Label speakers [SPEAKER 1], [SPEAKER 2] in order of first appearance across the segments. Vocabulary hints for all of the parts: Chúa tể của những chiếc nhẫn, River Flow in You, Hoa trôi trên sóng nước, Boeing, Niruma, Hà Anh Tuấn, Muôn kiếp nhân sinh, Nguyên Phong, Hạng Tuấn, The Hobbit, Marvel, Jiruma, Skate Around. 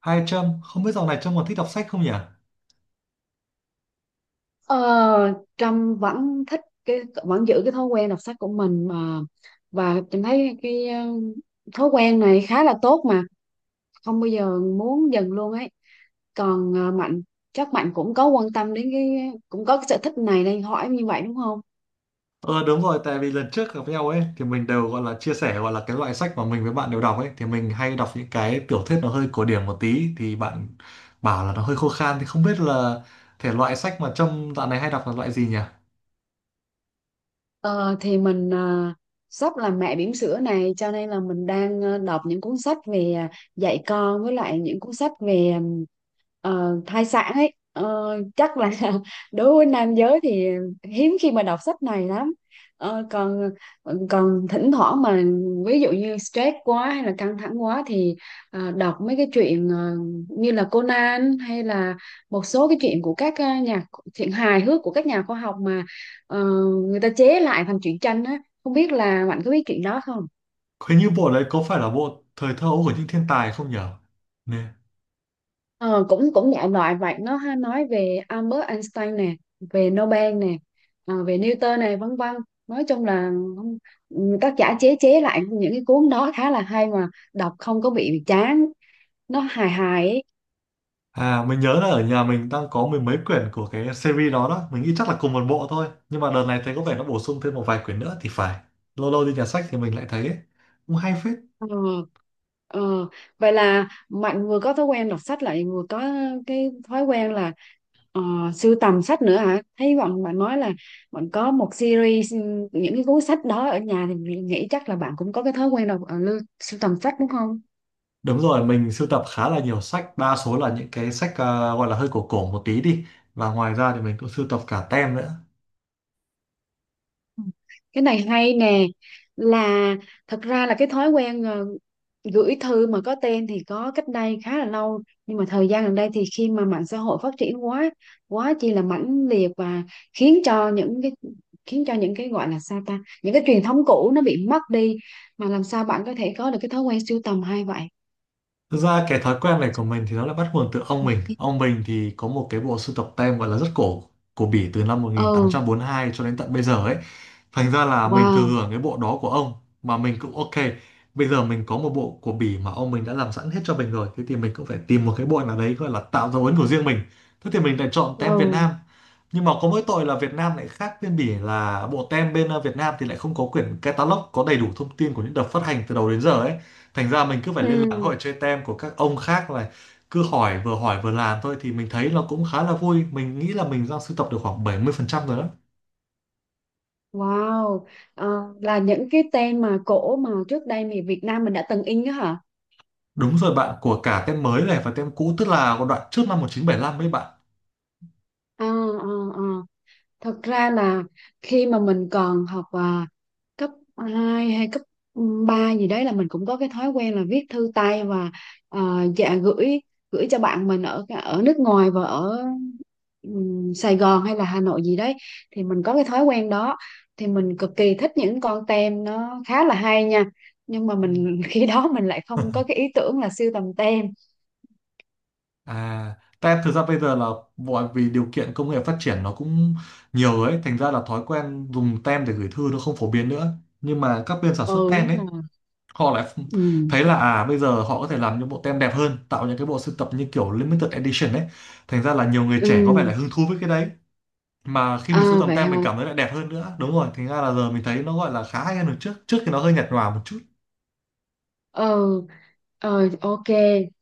[SPEAKER 1] Hai trăm không biết dạo này Trâm còn thích đọc sách không nhỉ?
[SPEAKER 2] Ờ, Trâm vẫn thích vẫn giữ cái thói quen đọc sách của mình, mà và Trâm thấy thói quen này khá là tốt, mà không bao giờ muốn dừng luôn ấy. Còn Mạnh, chắc Mạnh cũng có quan tâm đến cũng có cái sở thích này nên hỏi như vậy đúng không?
[SPEAKER 1] Ờ, đúng rồi, tại vì lần trước gặp nhau ấy thì mình đều gọi là chia sẻ gọi là cái loại sách mà mình với bạn đều đọc ấy thì mình hay đọc những cái tiểu thuyết nó hơi cổ điển một tí thì bạn bảo là nó hơi khô khan thì không biết là thể loại sách mà Trâm dạo này hay đọc là loại gì nhỉ?
[SPEAKER 2] Ờ, thì mình sắp làm mẹ bỉm sữa này, cho nên là mình đang đọc những cuốn sách về dạy con, với lại những cuốn sách về thai sản ấy, chắc là đối với nam giới thì hiếm khi mà đọc sách này lắm. Còn còn thỉnh thoảng mà ví dụ như stress quá hay là căng thẳng quá thì đọc mấy cái chuyện như là Conan hay là một số cái chuyện của các nhà chuyện hài hước của các nhà khoa học mà ờ, người ta chế lại thành truyện tranh á, không biết là bạn có biết chuyện đó không?
[SPEAKER 1] Hình như bộ đấy có phải là bộ Thời thơ ấu của những thiên tài không nhỉ? Nè.
[SPEAKER 2] Ờ, Cũng cũng đại loại vậy, nó hay nói về Albert Einstein nè, về Nobel nè, về Newton này, vân vân. Nói chung là tác giả chế chế lại những cái cuốn đó khá là hay mà, đọc không có bị chán, nó hài hài ấy.
[SPEAKER 1] À, mình nhớ là ở nhà mình đang có mười mấy quyển của cái series đó đó. Mình nghĩ chắc là cùng một bộ thôi. Nhưng mà đợt này thấy có vẻ nó bổ sung thêm một vài quyển nữa thì phải. Lâu lâu đi nhà sách thì mình lại thấy ấy, cũng hay phết.
[SPEAKER 2] Ờ, ờ. Vậy là Mạnh vừa có thói quen đọc sách lại vừa có cái thói quen là ờ, sưu tầm sách nữa hả? Thấy bạn bạn nói là bạn có một series những cái cuốn sách đó ở nhà, thì mình nghĩ chắc là bạn cũng có cái thói quen đọc sưu tầm sách đúng không?
[SPEAKER 1] Đúng rồi, mình sưu tập khá là nhiều sách. Đa số là những cái sách gọi là hơi cổ cổ một tí đi. Và ngoài ra thì mình cũng sưu tập cả tem nữa.
[SPEAKER 2] Ừ. Cái này hay nè, là thật ra là cái thói quen gửi thư mà có tên thì có cách đây khá là lâu, nhưng mà thời gian gần đây thì khi mà mạng xã hội phát triển quá, quá chi là mãnh liệt, và khiến cho những cái khiến cho những cái gọi là sao ta, những cái truyền thống cũ nó bị mất đi, mà làm sao bạn có thể có được cái thói quen sưu tầm hay vậy?
[SPEAKER 1] Thực ra cái thói quen này của mình thì nó là bắt nguồn từ ông mình. Ông mình thì có một cái bộ sưu tập tem gọi là rất cổ của Bỉ từ năm
[SPEAKER 2] Ừ.
[SPEAKER 1] 1842 cho đến tận bây giờ ấy. Thành ra là mình thừa
[SPEAKER 2] Wow.
[SPEAKER 1] hưởng cái bộ đó của ông mà mình cũng ok. Bây giờ mình có một bộ của Bỉ mà ông mình đã làm sẵn hết cho mình rồi. Thế thì mình cũng phải tìm một cái bộ nào đấy gọi là tạo dấu ấn của riêng mình. Thế thì mình lại chọn tem Việt
[SPEAKER 2] Ừ.
[SPEAKER 1] Nam. Nhưng mà có mỗi tội là Việt Nam lại khác bên Bỉ, là bộ tem bên Việt Nam thì lại không có quyển catalog có đầy đủ thông tin của những đợt phát hành từ đầu đến giờ ấy, thành ra mình cứ phải liên lạc
[SPEAKER 2] Ừ.
[SPEAKER 1] hội chơi tem của các ông khác này, cứ hỏi vừa làm thôi. Thì mình thấy nó cũng khá là vui, mình nghĩ là mình đang sưu tập được khoảng 70% rồi đó.
[SPEAKER 2] Wow. Ờ, là những cái tên mà cổ mà trước đây thì Việt Nam mình đã từng in đó hả?
[SPEAKER 1] Đúng rồi bạn, của cả tem mới này và tem cũ, tức là của đoạn trước năm 1975 ấy bạn.
[SPEAKER 2] Ờ ờ ờ Thật ra là khi mà mình còn học cấp 2 hay cấp 3 gì đấy, là mình cũng có cái thói quen là viết thư tay, và à, dạ gửi gửi cho bạn mình ở ở nước ngoài và ở Sài Gòn hay là Hà Nội gì đấy, thì mình có cái thói quen đó. Thì mình cực kỳ thích những con tem, nó khá là hay nha, nhưng mà
[SPEAKER 1] Ừ.
[SPEAKER 2] mình khi đó mình lại không có cái ý tưởng là sưu tầm tem.
[SPEAKER 1] À, tem thực ra bây giờ là bởi vì điều kiện công nghệ phát triển nó cũng nhiều ấy, thành ra là thói quen dùng tem để gửi thư nó không phổ biến nữa, nhưng mà các bên sản xuất
[SPEAKER 2] Ừ,
[SPEAKER 1] tem
[SPEAKER 2] đúng
[SPEAKER 1] ấy
[SPEAKER 2] rồi.
[SPEAKER 1] họ lại
[SPEAKER 2] Ừ.
[SPEAKER 1] thấy là à bây giờ họ có thể làm những bộ tem đẹp hơn, tạo những cái bộ sưu tập như kiểu limited edition ấy, thành ra là nhiều người
[SPEAKER 2] Ừ.
[SPEAKER 1] trẻ có vẻ là hứng thú với cái đấy. Mà khi mình sưu
[SPEAKER 2] À,
[SPEAKER 1] tầm
[SPEAKER 2] vậy hả.
[SPEAKER 1] tem mình cảm thấy lại đẹp hơn nữa, đúng rồi, thành ra là giờ mình thấy nó gọi là khá hay hơn được trước trước thì nó hơi nhạt nhòa một chút.
[SPEAKER 2] Ừ. Ờ, ok.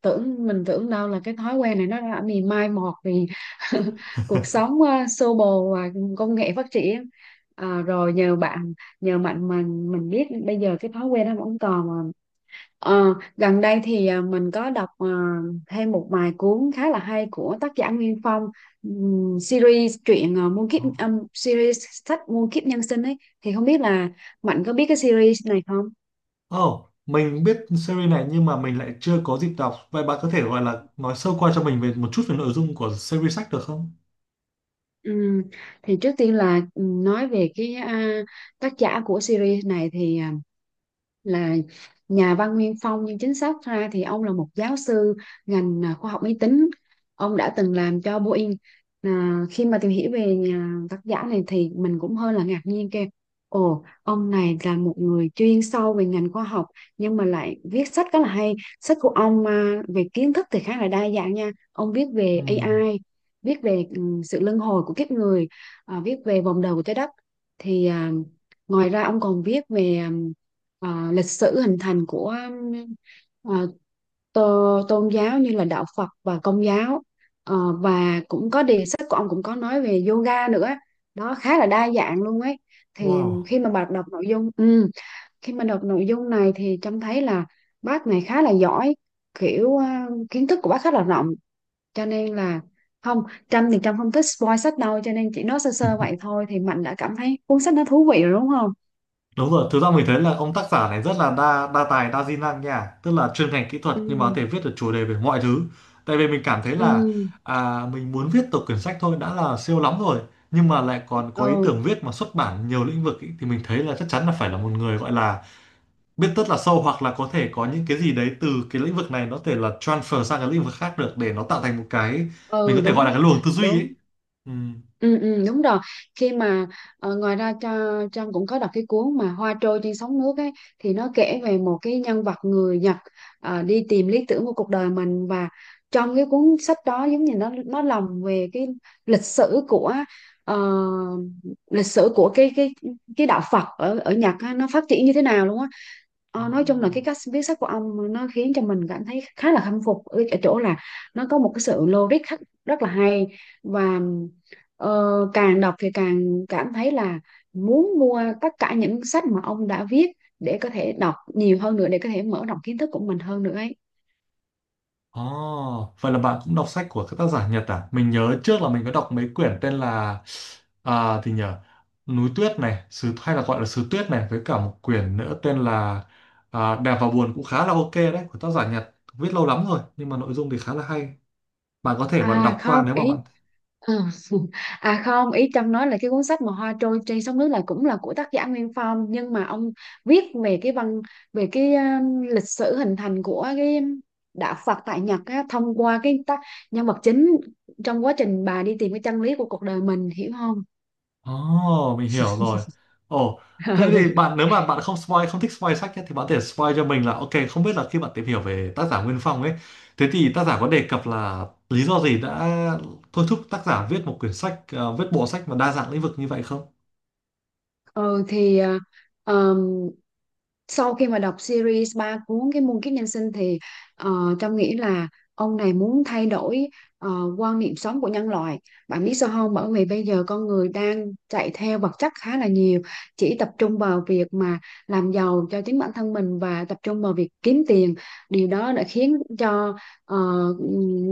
[SPEAKER 2] Tưởng mình tưởng đâu là cái thói quen này nó đã bị mai một vì cuộc sống xô bồ và công nghệ phát triển. Rồi nhờ bạn, nhờ bạn mà mình biết bây giờ cái thói quen nó vẫn còn mà. Ờ, Gần đây thì mình có đọc thêm một vài cuốn khá là hay của tác giả Nguyên Phong. Series truyện ờ, muôn kiếp series sách Muôn kiếp nhân sinh ấy, thì không biết là Mạnh có biết cái series này không?
[SPEAKER 1] Oh mình biết series này, nhưng mà mình lại chưa có dịp đọc. Vậy bạn có thể gọi là nói sơ qua cho mình về một chút về nội dung của series sách được không?
[SPEAKER 2] Ừ. Thì trước tiên là nói về tác giả của series này thì là nhà văn Nguyên Phong, nhưng chính xác ra thì ông là một giáo sư ngành khoa học máy tính. Ông đã từng làm cho Boeing. À, khi mà tìm hiểu về nhà tác giả này thì mình cũng hơi là ngạc nhiên, kêu: Ồ, ông này là một người chuyên sâu về ngành khoa học nhưng mà lại viết sách rất là hay. Sách của ông về kiến thức thì khá là đa dạng nha. Ông viết về
[SPEAKER 1] Ừm.
[SPEAKER 2] AI, viết về sự luân hồi của kiếp người, viết về vòng đời của trái đất, thì ngoài ra ông còn viết về lịch sử hình thành của ừm, à, tôn giáo như là đạo Phật và Công giáo. Ờ, và cũng có đề sách của ông cũng có nói về yoga nữa, đó khá là đa dạng luôn ấy. Thì
[SPEAKER 1] Wow.
[SPEAKER 2] khi mà bạn đọc nội dung, khi mà đọc nội dung này thì trông thấy là bác này khá là giỏi, kiểu kiến thức của bác khá là rộng, cho nên là không. Trâm thì Trâm không thích spoil sách đâu, cho nên chỉ nói sơ sơ vậy thôi thì Mạnh đã cảm thấy cuốn sách nó thú vị rồi đúng không?
[SPEAKER 1] Đúng rồi, thực ra mình thấy là ông tác giả này rất là đa đa tài đa di năng nha, tức là chuyên ngành kỹ thuật
[SPEAKER 2] Ừ.
[SPEAKER 1] nhưng mà có thể viết được chủ đề về mọi thứ. Tại vì mình cảm thấy là
[SPEAKER 2] Ừ.
[SPEAKER 1] mình muốn viết tập quyển sách thôi đã là siêu lắm rồi, nhưng mà lại còn có ý
[SPEAKER 2] Ừ,
[SPEAKER 1] tưởng viết mà xuất bản nhiều lĩnh vực ý, thì mình thấy là chắc chắn là phải là một người gọi là biết rất là sâu, hoặc là có thể có những cái gì đấy từ cái lĩnh vực này nó có thể là transfer sang cái lĩnh vực khác được để nó tạo thành một cái mình
[SPEAKER 2] ừ,
[SPEAKER 1] có thể gọi
[SPEAKER 2] đúng
[SPEAKER 1] là cái luồng tư duy ấy.
[SPEAKER 2] đúng.
[SPEAKER 1] Ừ.
[SPEAKER 2] Ừ, ừ, đúng rồi. Khi mà ngoài ra cho Trang cũng có đọc cái cuốn mà Hoa trôi trên sóng nước ấy, thì nó kể về một cái nhân vật người Nhật, đi tìm lý tưởng của cuộc đời mình, và trong cái cuốn sách đó giống như nó lồng về cái lịch sử của ờ, lịch sử của cái cái cái đạo Phật ở ở Nhật á, nó phát triển như thế nào luôn á. Ờ, nói chung là cái
[SPEAKER 1] Đó.
[SPEAKER 2] cách viết sách của ông nó khiến cho mình cảm thấy khá là khâm phục ở ở chỗ là nó có một cái sự logic rất, rất là hay. Và Ờ, càng đọc thì càng cảm thấy là muốn mua tất cả những sách mà ông đã viết để có thể đọc nhiều hơn nữa, để có thể mở rộng kiến thức của mình hơn nữa ấy.
[SPEAKER 1] Oh, vậy là bạn cũng đọc sách của các tác giả Nhật à? Mình nhớ trước là mình có đọc mấy quyển tên là à, thì nhờ Núi Tuyết này, Sứ hay là gọi là Sứ Tuyết này, với cả một quyển nữa tên là Đẹp và Buồn, cũng khá là ok đấy, của tác giả Nhật. Viết lâu lắm rồi nhưng mà nội dung thì khá là hay. Bạn có thể vào
[SPEAKER 2] À
[SPEAKER 1] đọc qua
[SPEAKER 2] không
[SPEAKER 1] nếu mà
[SPEAKER 2] ý
[SPEAKER 1] bạn.
[SPEAKER 2] Ừ. À không, ý Trâm nói là cái cuốn sách mà Hoa trôi trên sóng nước là cũng là của tác giả Nguyên Phong, nhưng mà ông viết về cái văn về cái lịch sử hình thành của cái đạo Phật tại Nhật á, thông qua cái tác nhân vật chính, trong quá trình bà đi tìm cái chân lý của cuộc đời mình, hiểu không?
[SPEAKER 1] Ồ, mình hiểu rồi. Ồ, thế thì bạn, nếu mà bạn không spoil, không thích spoil sách nhé, thì bạn có thể spoil cho mình là ok, không biết là khi bạn tìm hiểu về tác giả Nguyên Phong ấy, thế thì tác giả có đề cập là lý do gì đã thôi thúc tác giả viết một quyển sách, viết bộ sách mà đa dạng lĩnh vực như vậy không?
[SPEAKER 2] Ừ, thì ờm, sau khi mà đọc series 3 cuốn cái Muôn kiếp nhân sinh thì Trâm nghĩ là ông này muốn thay đổi ờ, quan niệm sống của nhân loại. Bạn biết sao không? Bởi vì bây giờ con người đang chạy theo vật chất khá là nhiều, chỉ tập trung vào việc mà làm giàu cho chính bản thân mình và tập trung vào việc kiếm tiền. Điều đó đã khiến cho ờ,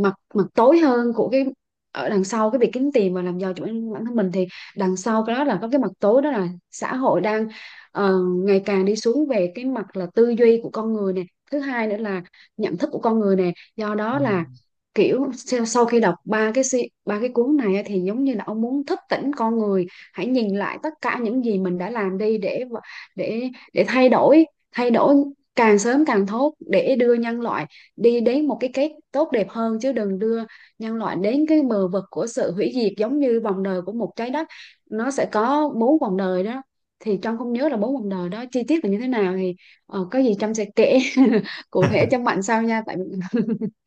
[SPEAKER 2] mặt mặt tối hơn của cái ở đằng sau cái việc kiếm tiền và làm giàu cho bản bản thân mình, thì đằng sau cái đó là có cái mặt tối, đó là xã hội đang ờ, ngày càng đi xuống về cái mặt là tư duy của con người nè, thứ hai nữa là nhận thức của con người nè, do đó là
[SPEAKER 1] Ừm.
[SPEAKER 2] kiểu sau sau khi đọc ba cái cuốn này á, thì giống như là ông muốn thức tỉnh con người, hãy nhìn lại tất cả những gì mình đã làm đi để để thay đổi, thay đổi càng sớm càng tốt, để đưa nhân loại đi đến một cái kết tốt đẹp hơn, chứ đừng đưa nhân loại đến cái bờ vực của sự hủy diệt. Giống như vòng đời của một trái đất nó sẽ có bốn vòng đời đó, thì Trân không nhớ là bốn vòng đời đó chi tiết là như thế nào, thì có gì Trân sẽ kể cụ thể cho Mạnh sau nha, tại vì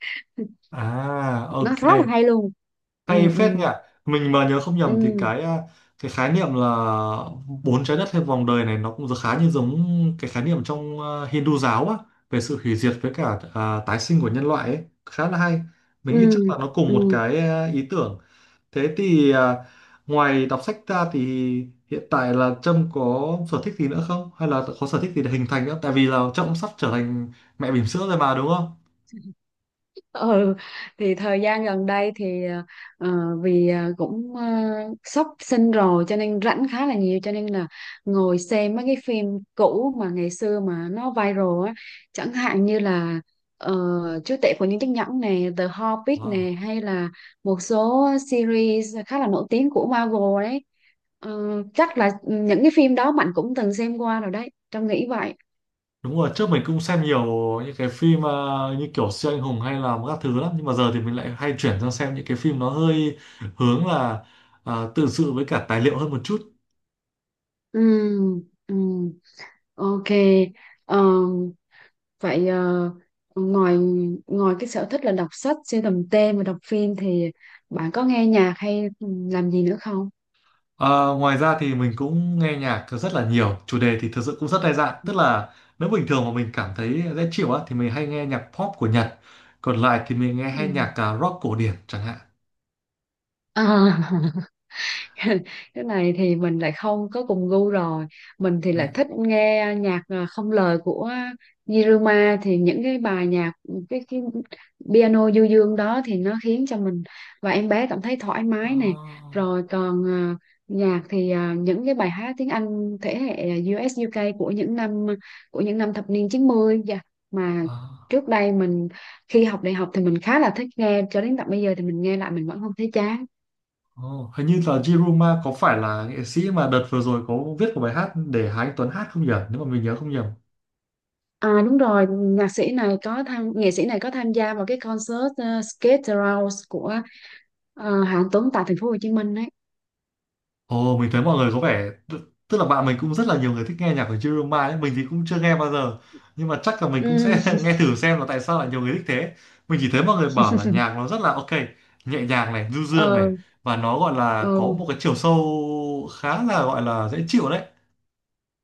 [SPEAKER 1] À,
[SPEAKER 2] nó
[SPEAKER 1] ok.
[SPEAKER 2] rất là hay luôn.
[SPEAKER 1] Hay
[SPEAKER 2] Ừ. Ừ.
[SPEAKER 1] phết nhỉ. Mình mà nhớ không nhầm thì
[SPEAKER 2] Ừ.
[SPEAKER 1] cái khái niệm là bốn trái đất hay vòng đời này nó cũng khá như giống cái khái niệm trong Hindu giáo á, về sự hủy diệt với cả tái sinh của nhân loại ấy, khá là hay.
[SPEAKER 2] Ừ.
[SPEAKER 1] Mình nghĩ chắc là nó cùng một
[SPEAKER 2] Ừ.
[SPEAKER 1] ý tưởng. Thế thì à, ngoài đọc sách ra thì hiện tại là Trâm có sở thích gì nữa không, hay là có sở thích gì để hình thành nữa, tại vì là Trâm cũng sắp trở thành mẹ bỉm sữa rồi mà đúng không?
[SPEAKER 2] Ừ, thì thời gian gần đây thì ờ, vì sắp sinh rồi cho nên rảnh khá là nhiều, cho nên là ngồi xem mấy cái phim cũ mà ngày xưa mà nó viral á, chẳng hạn như là ờ, Chúa tể của những chiếc nhẫn nè, The Hobbit
[SPEAKER 1] Wow.
[SPEAKER 2] nè, hay là một số series khá là nổi tiếng của Marvel đấy. Ờ, chắc là những cái phim đó Mạnh cũng từng xem qua rồi đấy, Trâm nghĩ vậy.
[SPEAKER 1] Đúng rồi, trước mình cũng xem nhiều những cái phim như kiểu siêu anh hùng hay là các thứ lắm, nhưng mà giờ thì mình lại hay chuyển sang xem những cái phim nó hơi hướng là tự sự với cả tài liệu hơn một chút.
[SPEAKER 2] Ừ, ừ, ok. Ờ, vậy ngoài ngoài cái sở thích là đọc sách, sưu tầm tem và đọc phim thì bạn có nghe nhạc hay làm gì nữa không?
[SPEAKER 1] À, ngoài ra thì mình cũng nghe nhạc rất là nhiều, chủ đề thì thực sự cũng rất đa dạng, tức là nếu bình thường mà mình cảm thấy dễ chịu á thì mình hay nghe nhạc pop của Nhật, còn lại thì mình nghe
[SPEAKER 2] Ừ.
[SPEAKER 1] hay nhạc rock cổ điển chẳng hạn.
[SPEAKER 2] À. Cái này thì mình lại không có cùng gu rồi. Mình thì lại thích nghe nhạc không lời của Niruma, thì những cái bài nhạc cái piano du dương đó, thì nó khiến cho mình và em bé cảm thấy thoải
[SPEAKER 1] Ờ,
[SPEAKER 2] mái nè. Rồi còn những cái bài hát tiếng Anh thế hệ US UK của những năm, của những năm thập niên 90 dạ, mà
[SPEAKER 1] ờ.
[SPEAKER 2] trước đây mình khi học đại học thì mình khá là thích nghe, cho đến tận bây giờ thì mình nghe lại mình vẫn không thấy chán.
[SPEAKER 1] Ồ, hình như là Jiruma có phải là nghệ sĩ mà đợt vừa rồi có viết một bài hát để Hà Anh Tuấn hát không nhỉ? Nếu mà mình nhớ không nhầm.
[SPEAKER 2] À đúng rồi, nhạc sĩ này có tham nghệ sĩ này có tham gia vào cái concert Skate Around của Hạng Tuấn tại thành phố Hồ Chí Minh đấy.
[SPEAKER 1] Ồ, mình thấy mọi người có vẻ tức là bạn mình cũng rất là nhiều người thích nghe nhạc của Jiruma ấy, mình thì cũng chưa nghe bao giờ. Nhưng mà chắc là mình cũng
[SPEAKER 2] Ừ.
[SPEAKER 1] sẽ nghe thử xem là tại sao lại nhiều người thích thế. Mình chỉ thấy mọi người bảo là nhạc nó rất là ok, nhẹ nhàng này, du dương
[SPEAKER 2] ờ,
[SPEAKER 1] này, và nó gọi là
[SPEAKER 2] ờ,
[SPEAKER 1] có một cái chiều sâu khá là gọi là dễ chịu đấy.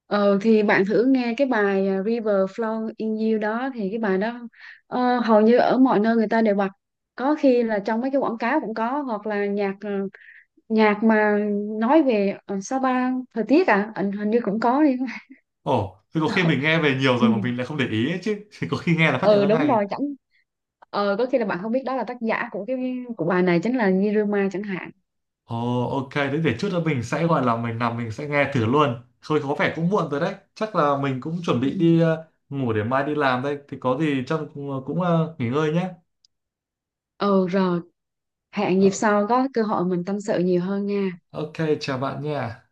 [SPEAKER 2] ờ, thì bạn thử nghe cái bài River Flow in You đó, thì cái bài đó hầu như ở mọi nơi người ta đều bật. Có khi là trong mấy cái quảng cáo cũng có, hoặc là nhạc mà nói về Sapa thời tiết à, hình hình như cũng có đi.
[SPEAKER 1] Ồ, thì có khi
[SPEAKER 2] Ờ.
[SPEAKER 1] mình nghe về nhiều
[SPEAKER 2] Ừ.
[SPEAKER 1] rồi mà mình lại không để ý ấy chứ. Thì có khi nghe là phát hiện
[SPEAKER 2] Ừ
[SPEAKER 1] ra
[SPEAKER 2] đúng
[SPEAKER 1] ngay.
[SPEAKER 2] rồi, chẳng ờ có khi là bạn không biết đó là tác giả của của bài này chính là Niruma chẳng hạn.
[SPEAKER 1] Ồ, ok, thế để chút nữa mình sẽ gọi là mình nằm mình sẽ nghe thử luôn. Thôi có vẻ cũng muộn rồi đấy. Chắc là mình cũng chuẩn
[SPEAKER 2] Ừ.
[SPEAKER 1] bị đi ngủ để mai đi làm đây. Thì có gì trong cũng nghỉ ngơi nhé.
[SPEAKER 2] Ừ rồi, hẹn
[SPEAKER 1] Ờ,
[SPEAKER 2] dịp sau có cơ hội mình tâm sự nhiều hơn nha.
[SPEAKER 1] ok, chào bạn nha.